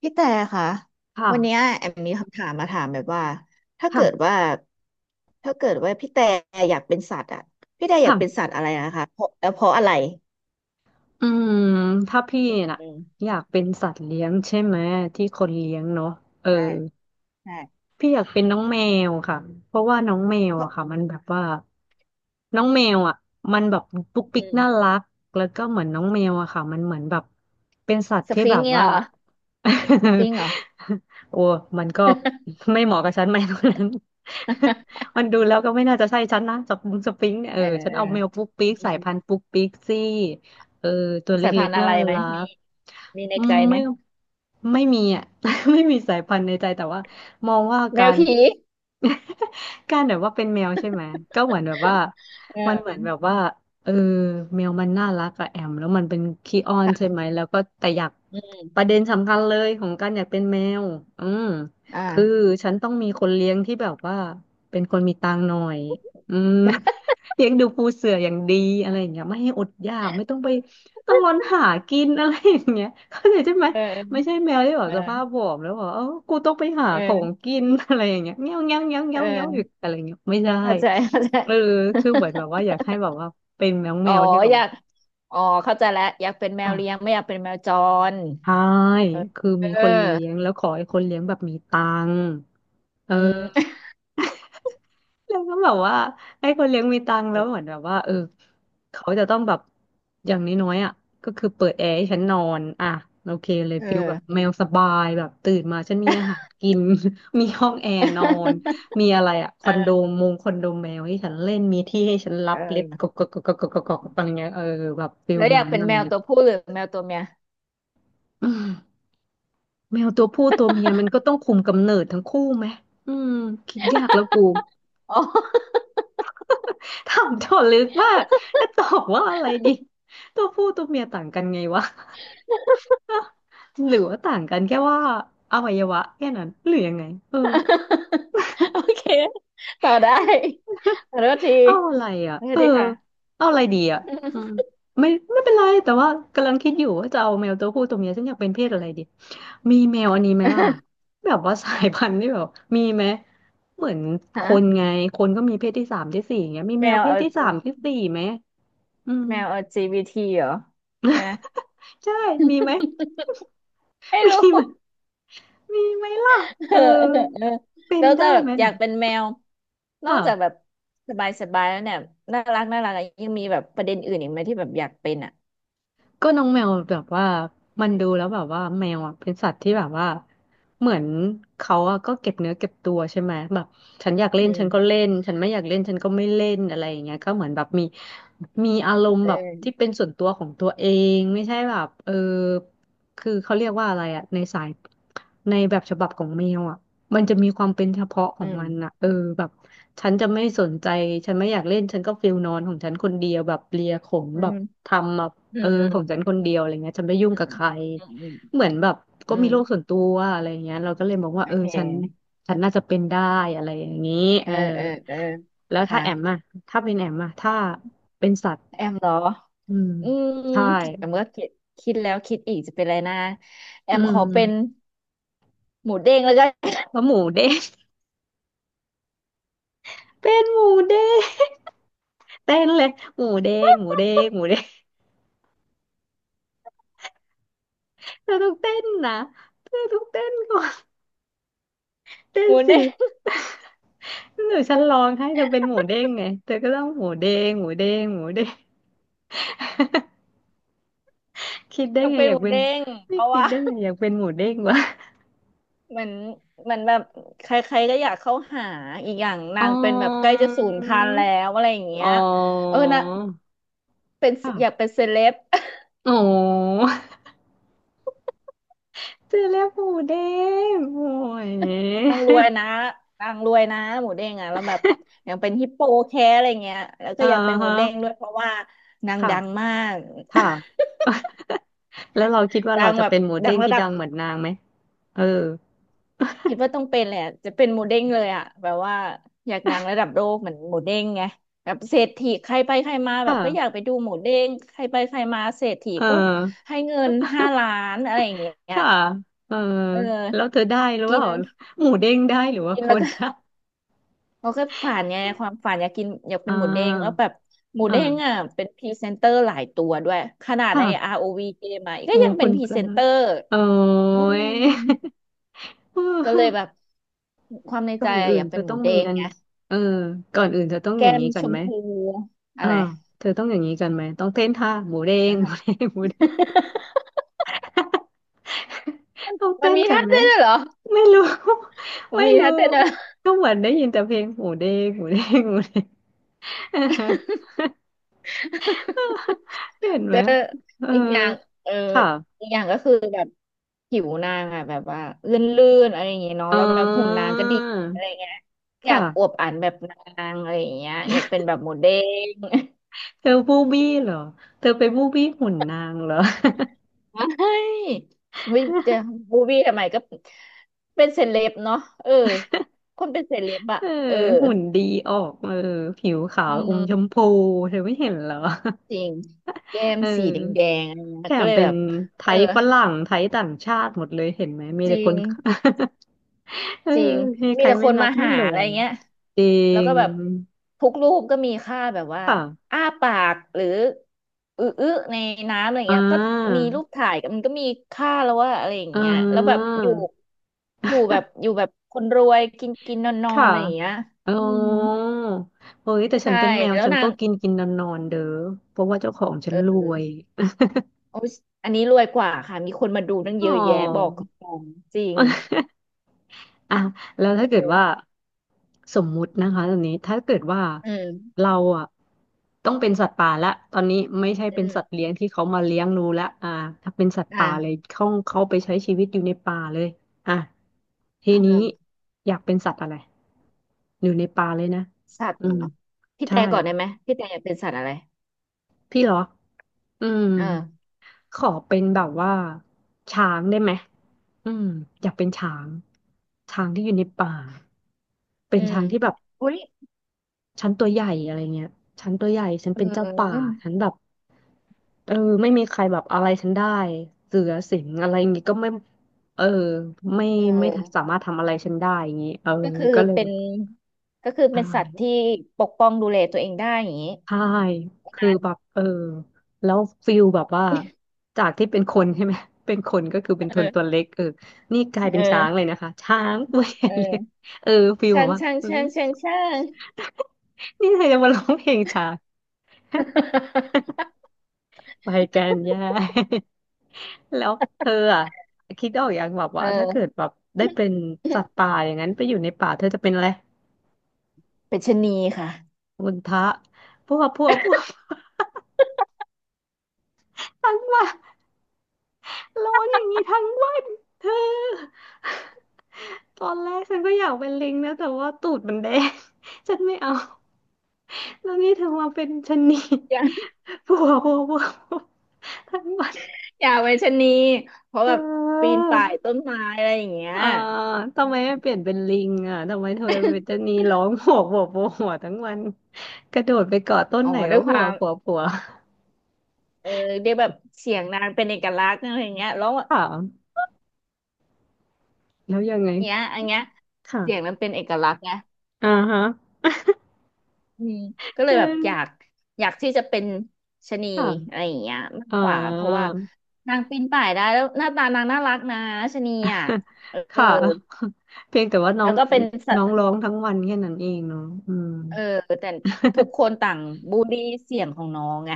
พี่แต่ค่ะวันเนี้ยค่ะแอมมีคำถามมาถามแบบว่าถ้าค่ะเกิดว่าถ้าเกิดว่าพี่แต่อยากเป็นสัตว์อ่ะพี่แต่อยากเป็นสัค่ะตว์อะไรนะคะเพราะแล้วเพราะอะไรอืมถ้าพี่น่ะอืมอยากเป็นสัตว์เลี้ยงใช่ไหมที่คนเลี้ยงเนาะเออ ใช่ใช่พี่อยากเป็นน้องแมวค่ะ เพราะว่าน้องแมวเพอะราะค่ะมันแบบว่าน้องแมวอ่ะมันแบบปุ๊กปิ๊อืกมน่ารัก แล้วก็เหมือนน้องแมวอะค่ะมันเหมือนแบบเป็นสัตว์สที่ฟิแบงบค์เนี่ยว่า เหรอสฟิ งค์เหรอ โอ้มันก็ไม่เหมาะกับฉันไหมตรงนั้น มันดูแล้วก็ไม่น่าจะใช่ฉันนะจับมุงสปริงเนี่ยเอเอออฉันเออเอาแมวปุ๊กปิ๊กอืสายมพันธุ์ปุ๊กปิ๊กซี่ เออตัวสายเล็พักนธุ์ๆอะน่าไรไหมรัมีกมีในใจไหมไม่มีอ่ะ ไม่มีสายพันธุ์ในใจแต่ว่า มองว่าแมกาวร ผี การแบบว่าเป็นแมวใช่ไหมก็เหมือนแบบว่าเอมันเหมืออนแบบว่าเออแมวมันน่ารักอะแอมแล้วมันเป็นขี้อ้อนใช่ค่ะไหมแล้วก็แต่อยากอืประมเด็นสำคัญเลยของการอยากเป็นแมวอืมอ่าคือฉันต้องมีคนเลี้ยงที่แบบว่าเป็นคนมีตังค์หน่อยอืม เลี้ยงดูปูเสืออย่างดีอะไรอย่างเงี้ยไม่ให้อดอยากไม่ต้องไปต้องร้อนหากินอะไรอย่างเงี้ยเข้าใจใช่ไหม เไม่ออใช่แมวที่แบบเอสภาพอผอมแล้วบอกเออกูต้องไปหาของเออกิน อะไรอย่างเงี้ยเงี้ยวเงี้ยวเงี้ยวเเงี้ยวเงี้ยวอยู่อออะไรเงี้ยไม่ได้เข้าใจเข้าใจ เออคือเหมือนแบบว่าอยากให้แบบว่าเป็นแมอ๋อวที่แบอบยากอ๋อเข้าใจแล้วอยากเป็นแมค่ะวเลี้ยงไม่อยากเป็นแมวจรใช่เออคือเอมีอคนเลี้ยงแล้วขอให้คนเลี้ยงแบบมีตังค์เออือ ม แล้วก็แบบว่าไอ้คนเลี้ยงมีตังค์แล้วเหมือนแบบว่าเออเขาจะต้องแบบอย่างน้อยๆอ่ะก็คือเปิดแอร์ให้ฉันนอนอ่ะโอเคเลย เออ ฟิลแบบแมวสบายแบบตื่นมาฉันมีอาหารกิน มีห้องแอร์นอนมีอะไร อ่ะคเออนโดอมงคอนโดแมวให้ฉันเล่นมีที่ให้ฉันรัเบเล็บกออกกกกกกกกอะไรเงี้ยเออแบบฟิลแล้วอยานั้กนเป็นอะไรแมวเงี้ย ตัวผู้หรือแมวตัวเมีย อืมแมวตัวผู้ตัวเมียมันก็ต้องคุมกำเนิดทั้งคู่ไหมอืมคิดยากแล้วกู อ๋อ ถามโจทย์ลึกมากจะตอบว่าอะไรดี ตัวผู้ตัวเมียต่างกันไงวะ หรือว่าต่างกันแค่ว่าอวัยวะแค่นั้นหรือยังไง เออ โอเคต่อได้ขอโทษทีเอาอะไรอ่ะขอโทเอษอทีค่ะ เอาอะไรดีอ่ะอืมไม่เป็นไรแต่ว่ากำลังคิดอยู่ว่าจะเอาแมวตัวผู้ตัวเมียฉันอยากเป็นเพศอะไรดี มีแมวอันนี้ไหมล่ะ แบบว่าสายพันธุ์ที่แบบมีไหมเหมือนคฮะนไงคนก็มีเพศที่สามที่สี่อย่างเงี้ยมีแมแมววเพศเอาที่สามที่สี่ไหมอืม แมว LGBT เหรอใช่ไหมใช่มีไหมไม่รู้ มีไหม มีไหมล่ะเอเอออเออเออเป็แล้นวจะได้แบบไหมอยาล่ะกเป็นแมวนอค่ะ กจากแบบสบายสบายแล้วเนี่ยน่ารักน่ารักอะยังมีแบบประเด็นอื่นอีกไหมที่แบบอยากเป็นอ่ะก็น้องแมวแบบว่ามันดูแล้วแบบว่าแมวอ่ะเป็นสัตว์ที่แบบว่าเหมือนเขาอ่ะก็เก็บเนื้อเก็บตัวใช่ไหมแบบฉันอยากเล่อืนฉันก็มเล่นฉันไม่อยากเล่นฉันก็ไม่เล่นอะไรอย่างเงี้ยก็เหมือนแบบมีอารมณ์เแบบที่ออเป็นส่วนตัวของตัวเองไม่ใช่แบบเออคือเขาเรียกว่าอะไรอ่ะในสายในแบบฉบับของแมวอ่ะมันจะมีความเป็นเฉพาะขอืองมมันอ่ะเออแบบฉันจะไม่สนใจฉันไม่อยากเล่นฉันก็ฟิลนอนของฉันคนเดียวแบบเลียขนอืแบบมทำแบบ อืเอมออืมของฉันคนเดียวอะไรเงี้ยฉันไม่ยุ่งกับใครอืมอืมเหมือนแบบก็อืมีมโลกส่วนตัวอะไรเงี้ยเราก็เลยมองว่าโอเออเคฉันน่าจะเป็นได้อะไรอย่างนี้เอเอออเออเออแล้วถ้าค่ะแอมอะถ้าเป็นแอมอะถ้าเป็นสัตว์แอมเหรออืมอืมใช่แอมก็คิดคิดแล้วคิดอีกจะเป็นอะไรนะแออืมขอเป็นมหมูเด้งแล้วกัน ว่าหมูเด้ง เป็นหมูเด้ง เต้นเลยหมูเด้งหมูเด้งหมูเด้งเธอต้องเต้นนะเธอต้องเต้นก่อนเต้ หนมูสิ เด้ง หนูฉันร้องให้เธอเป็นหมูเด้งไงเธอก็ต้องหมูเด้งหมูเด้งหมูเด้ง คิดได้ก็ไงเป็นอหยากมูเป็นเด้งไม่เพราะคิดว่า ได้ไงอยากเป็นหมูเด้งวะเหมือนเหมือนแบบใครๆก็อยากเข้าหาอีกอย่างอ๋อนางเป็นแบบใกล้จะสูญพันธุ์แล้วอะไรอย่างอ๋เงี้อยเออนะเป็นค่ะอยากเป็นเซเลบ อ๋อเจอแล้วกหมูเด้งโอ้ยนางรวยนะนางรวยนะหมูเด้งอ่ะแล้วแบบอยากเป็นฮิปโปแคร์อะไรเงี้ยแล้วก็อ่าอยากเป็นหมูฮะเด้งด้วยเพราะว่านางค่ะดังมาก ค่ะ แล้วเราคิดว่า ดัเรางจะแบบเป็นหมูดัเด้งงระที่ดับ ดังเหมือนนางไหมเออคิดว่าต้องเป็นแหละจะเป็นหมูเด้งเลยอ่ะแบบว่าอยากดังระดับโลกเหมือนหมูเด้งไงแบบเศรษฐีใครไปใครมาแบค่ะบก็อยากไปดูหมูเด้งใครไปใครมาเศรษฐีเอก็อให้เงิน5 ล้านอะไรอย่างเงี้ยค่ะเออเออแล้วเธอได้หรือเปกิล่านหมูเด้งได้หรือว่ากินคแล้วนก็นะเขาก็ฝันไงความฝันอยากกินอยากเป็อ่นหมูเด้งแล้วาแบบหมูเด้งอ่ะอ่าเป็นพรีเซนเตอร์หลายตัวด้วยขนาดใน ค่ะ ROV เกมอ่ะก็โอ้ยังเป็คุนณพรีพระเซนเตอร์โอ้อืย ม เก็เลยแบออบความในก่ใจอนอะอื่อนยากเธเป็อนหต้มูองเด้มีงอันไง นี้เออก่อนอื่นเธอต้องอแก้ย่างมนี้กัชนมไหมพูอะอ่าไร เธอต้องอย่างนี้กันไหมต้องเต้นท่าหมูเด้งนะหมูคะ เด้งหมูเด้ง ต้องมัเต้นนมีกันท่าไหมเต้นด้วยเหรอไม่รู้ มันไม่มีรู้ท่าเต้นด้วยเหรอ ก็เหมือนได้ยินแต่เพลงหมูเด้งหมูเด้งหมูเด้ง อ่าฮะ เห็นไหเดมอเอออีกอย่างเออค่ะอีกอย่างก็คือแบบผิวนางอะแบบว่าลื่นๆอะไรอย่างเงี้ยเนาะอ๋แล้วแบบหุ่นอนางก็ดีอะไรเงี้ยอยาค่ะกอวบอันแบบนางอะไรอย่างเงี้ยอยากเป็นแบบโมเดลเธอบูบี้เหรอเธอไปบูบี้หุ่นนางเหรอ ไม่ ไม่จะบูบี้ทำไมก็เป็นเซเลบเนาะเออคนเป็นเซเลบอะเออเออหุ่นดีออกเออผิวขาอืวอมชมม พูเธอไม่เห็นเหรอ จริงแก้ มเอสีแดองๆอะไรแถเงี้ยก็มเลยเป็แบนบไทเออยฝรั่งไทยต่างชาติหมดเลยเห็นไหมมีจแต่ริคงน เออจริงให้มีใครแต่คไม่นรัมากไม่หาหลอะไรงเงี้ยจริแล้วงก็แบบทุกรูปก็มีค่าแบบว่าค่ะอ้าปากหรืออืออในน้ำอะไรอ่าเงี้ยก็มีรูปถ่ายกันมันก็มีค่าแล้วว่าอะไรอย่างอ่เงี้ยแล้วแบบาอยู่อยู่แบบอยู่แบบคนรวยกินกินนอนนอนค่ะอะไรอย่างเงี้ยอ๋ออืมเฮ้ยแต่ฉัใช่นเป็นแมวแล้วฉันนาก็งกินกินนอนนอนเด้อเพราะว่าเจ้าของฉัเอนรวยอโอ้ยอันนี้รวยกว่าค่ะมีคนมาดูตั้งอ๋เยอ อะแยะบอกกับตรงจริง อ่ะแล้วถ้าเกิเอดว่าอสมมุตินะคะตอนนี้ถ้าเกิดว่าอืมเราอ่ะต้องเป็นสัตว์ป่าละตอนนี้ไม่ใช่เป็อืนมสัตว์เลี้ยงที่เขามาเลี้ยงดูละอ่าถ้าเป็นสัตว์ป่าเลยอ่าเขาไปใช้ชีวิตอยู่ในป่าเลยอ่ะทีอืนี้มอยากเป็นสัตว์อะไรอยู่ในป่าเลยนะสัตว์อืเหรอมพี่ใช่แต่ก่อนได้ไหมพี่แต่อยากเป็นสัตว์อะไรพี่เหรออืมเออขอเป็นแบบว่าช้างได้ไหมอืมอยากเป็นช้างช้างที่อยู่ในป่าเป็อืนมช้างที่แบบ อุ้ยฉันตัวใหญ่อะไรเงี้ยฉันตัวใหญ่ ฉันเเป็นเจ้าป่า ออฉันแบบเออไม่มีใครแบบอะไรฉันได้เสือสิงอะไรอย่างงี้ก็ไม่เออไม่เอไม่อสามารถทำอะไรฉันได้อย่างงี้เออก็คือก็เลยเป็แบนบก็คือใช่เป็นสัตว์ที่ปกป้องดูแลตัวเองได้อย่างนี้ใช่คือแบบเออแล้วฟิลแบบว่าจากที่เป็นคนใช่ไหม เป็นคนก็คือเป็นคนตัวเออเล็กเออนี่กลายเป็เอนช้างเลยอนะคะช้างตัวใหญ่เลยเออเออฟิลแบช่าบงว่าช่างเฮ้ย ช่างช่างช่าง นี่เธอจะมาร้องเพลงช้าง ไปแกันแย่ แล้วเธออ่ะคิดออกอย่างแบบว่าถ้าเกิเออดแบบได้เป็นสัตว์ป่าอย่างนั้นไปอยู่ในป่าเธอจะเป็นอะไรเป็นชะนีค่ะมุนทะพวกพวกพวก ทั้งวันร้องอย่างนี้ทั้งวันเธอตอนแรกฉันก็อยากเป็นลิงนะแต่ว่าตูดมันแดง ฉันไม่เอาแล้วนี่เธอมาเป็นชะนีอย่าพวกพวกพวกพวกทั้งวันอย่าเป็นชะนีเพราะเธแบบปีนอ ป่ายต้นไม้อะไรอย่างเงี้ยอ่าทำไมไม่เปลี่ยนเป็นลิงอ่ะทำไมเธอเป็นจะนีร้องโหวโหวโหกหวทั้งวันกระโดดไปเกาะต้นอ๋อไหนด้ก็วยคผัวาวม ผัวผัว เออเรียกแบบเสียงนางเป็นเอกลักษณ์อะไรอย่างเงี้ยแล้ว ถามแล้วยังไงเนี้ยอันเนี้ยเสียงค่ะมันเป็นเอกลักษณ์นะอ่าฮะอืมก็เลเยแบบอยาออกอยากที่จะเป็นชะนีค่ะอะไรอย่างเงี้ยมากอ่า กว่าเพราะว่านางปีนป่ายได้แล้วหน้าตานางน่ารักนะชะนีอ่ะเอ อค่ะ เพียงแต่ว่าน้อแล้วงก็เป็นสัน้ตองว์ร้องทั้งวันแค่นั้นเองเนาะอืม เออแต่ทุกคนต่างบูลลี่เสียงของน้องไง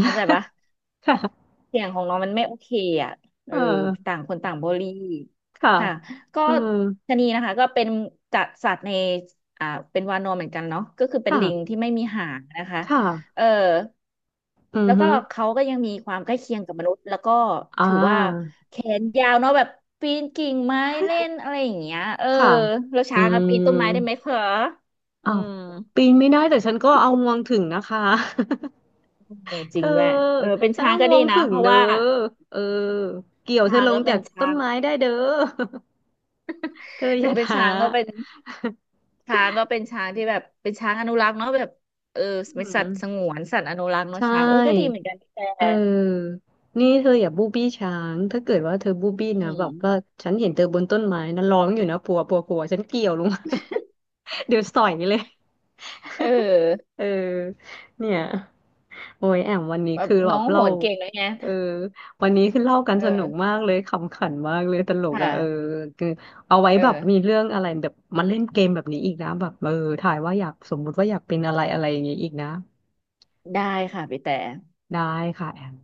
เข้าใจปะ ค่ะเสียงของน้องมันไม่โอเคอ่ะเเออออต่างคนต่างบริค่ะค่ะก็อืมชะนีนะคะก็เป็นจัดสัตว์ในอ่าเป็นวานอนเหมือนกันเนาะก็คือเป็นค่ะลิงที่ไม่มีหางนะคะค่ะเอออืแล้อวก็ฮึเขาก็ยังมีความใกล้เคียงกับมนุษย์แล้วก็อ่ถือว่าาแขนยาวเนาะแบบปีนกิ่งไม้เล่นอะไรอย่างเงี้ยเออค่ะแล้วอืช้างอะปีนต้นไม้ได้ไหม มคะอือ้าวมปีนไม่ได้แต่ฉันก็เอางวงถึงนะคะ เออจเธริงอด้วยเออเป็นฉันช้างเอาก็งดีวงนะถึงเพราะเด้อว่าเออเกี่ยวเธอช้างลงก็เป็จากนต้ช้านงไม้ได้เด้อ เธออถึงย่าเป็นท้า ช้างก็เป็น ช้างก็เป็นช้างที่แบบเป็นช้างอนุรักษ์เนาะแบบเออ อืเป็นสัมตว์สงวนสัตว์อนุรักษ์ใชเนาะช้างเออก็ดี่เหมือนกันพี่แต่เออนี่เธออย่าบูบี้ช้างถ้าเกิดว่าเธอบูบี้อืนะแบบว่ามฉันเห็นเธอบนต้นไม้นะร้องอยู่นะปัวปัวปัวฉันเกี่ยวลงมา เดี๋ยวสอยเลย เออเออเนี่ยโอ้ยแอมวันนี้แบบคือแบน้อบงโหเล่านเก่งด้วยไงเออวันนี้คือเล่ากันเอสนุกมาอกเลยขำขันมากเลยตลคกอ่ะเออ่ะคือเอาไว้เอแบบมีอเรื่องอะไรแบบมาเล่นเกมแบบนี้อีกนะแบบเออถ่ายว่าอยากสมมุติว่าอยากเป็นอะไรอะไรอย่างงี้อีกนะได้ค่ะพี่แต่ได้ค่ะแอม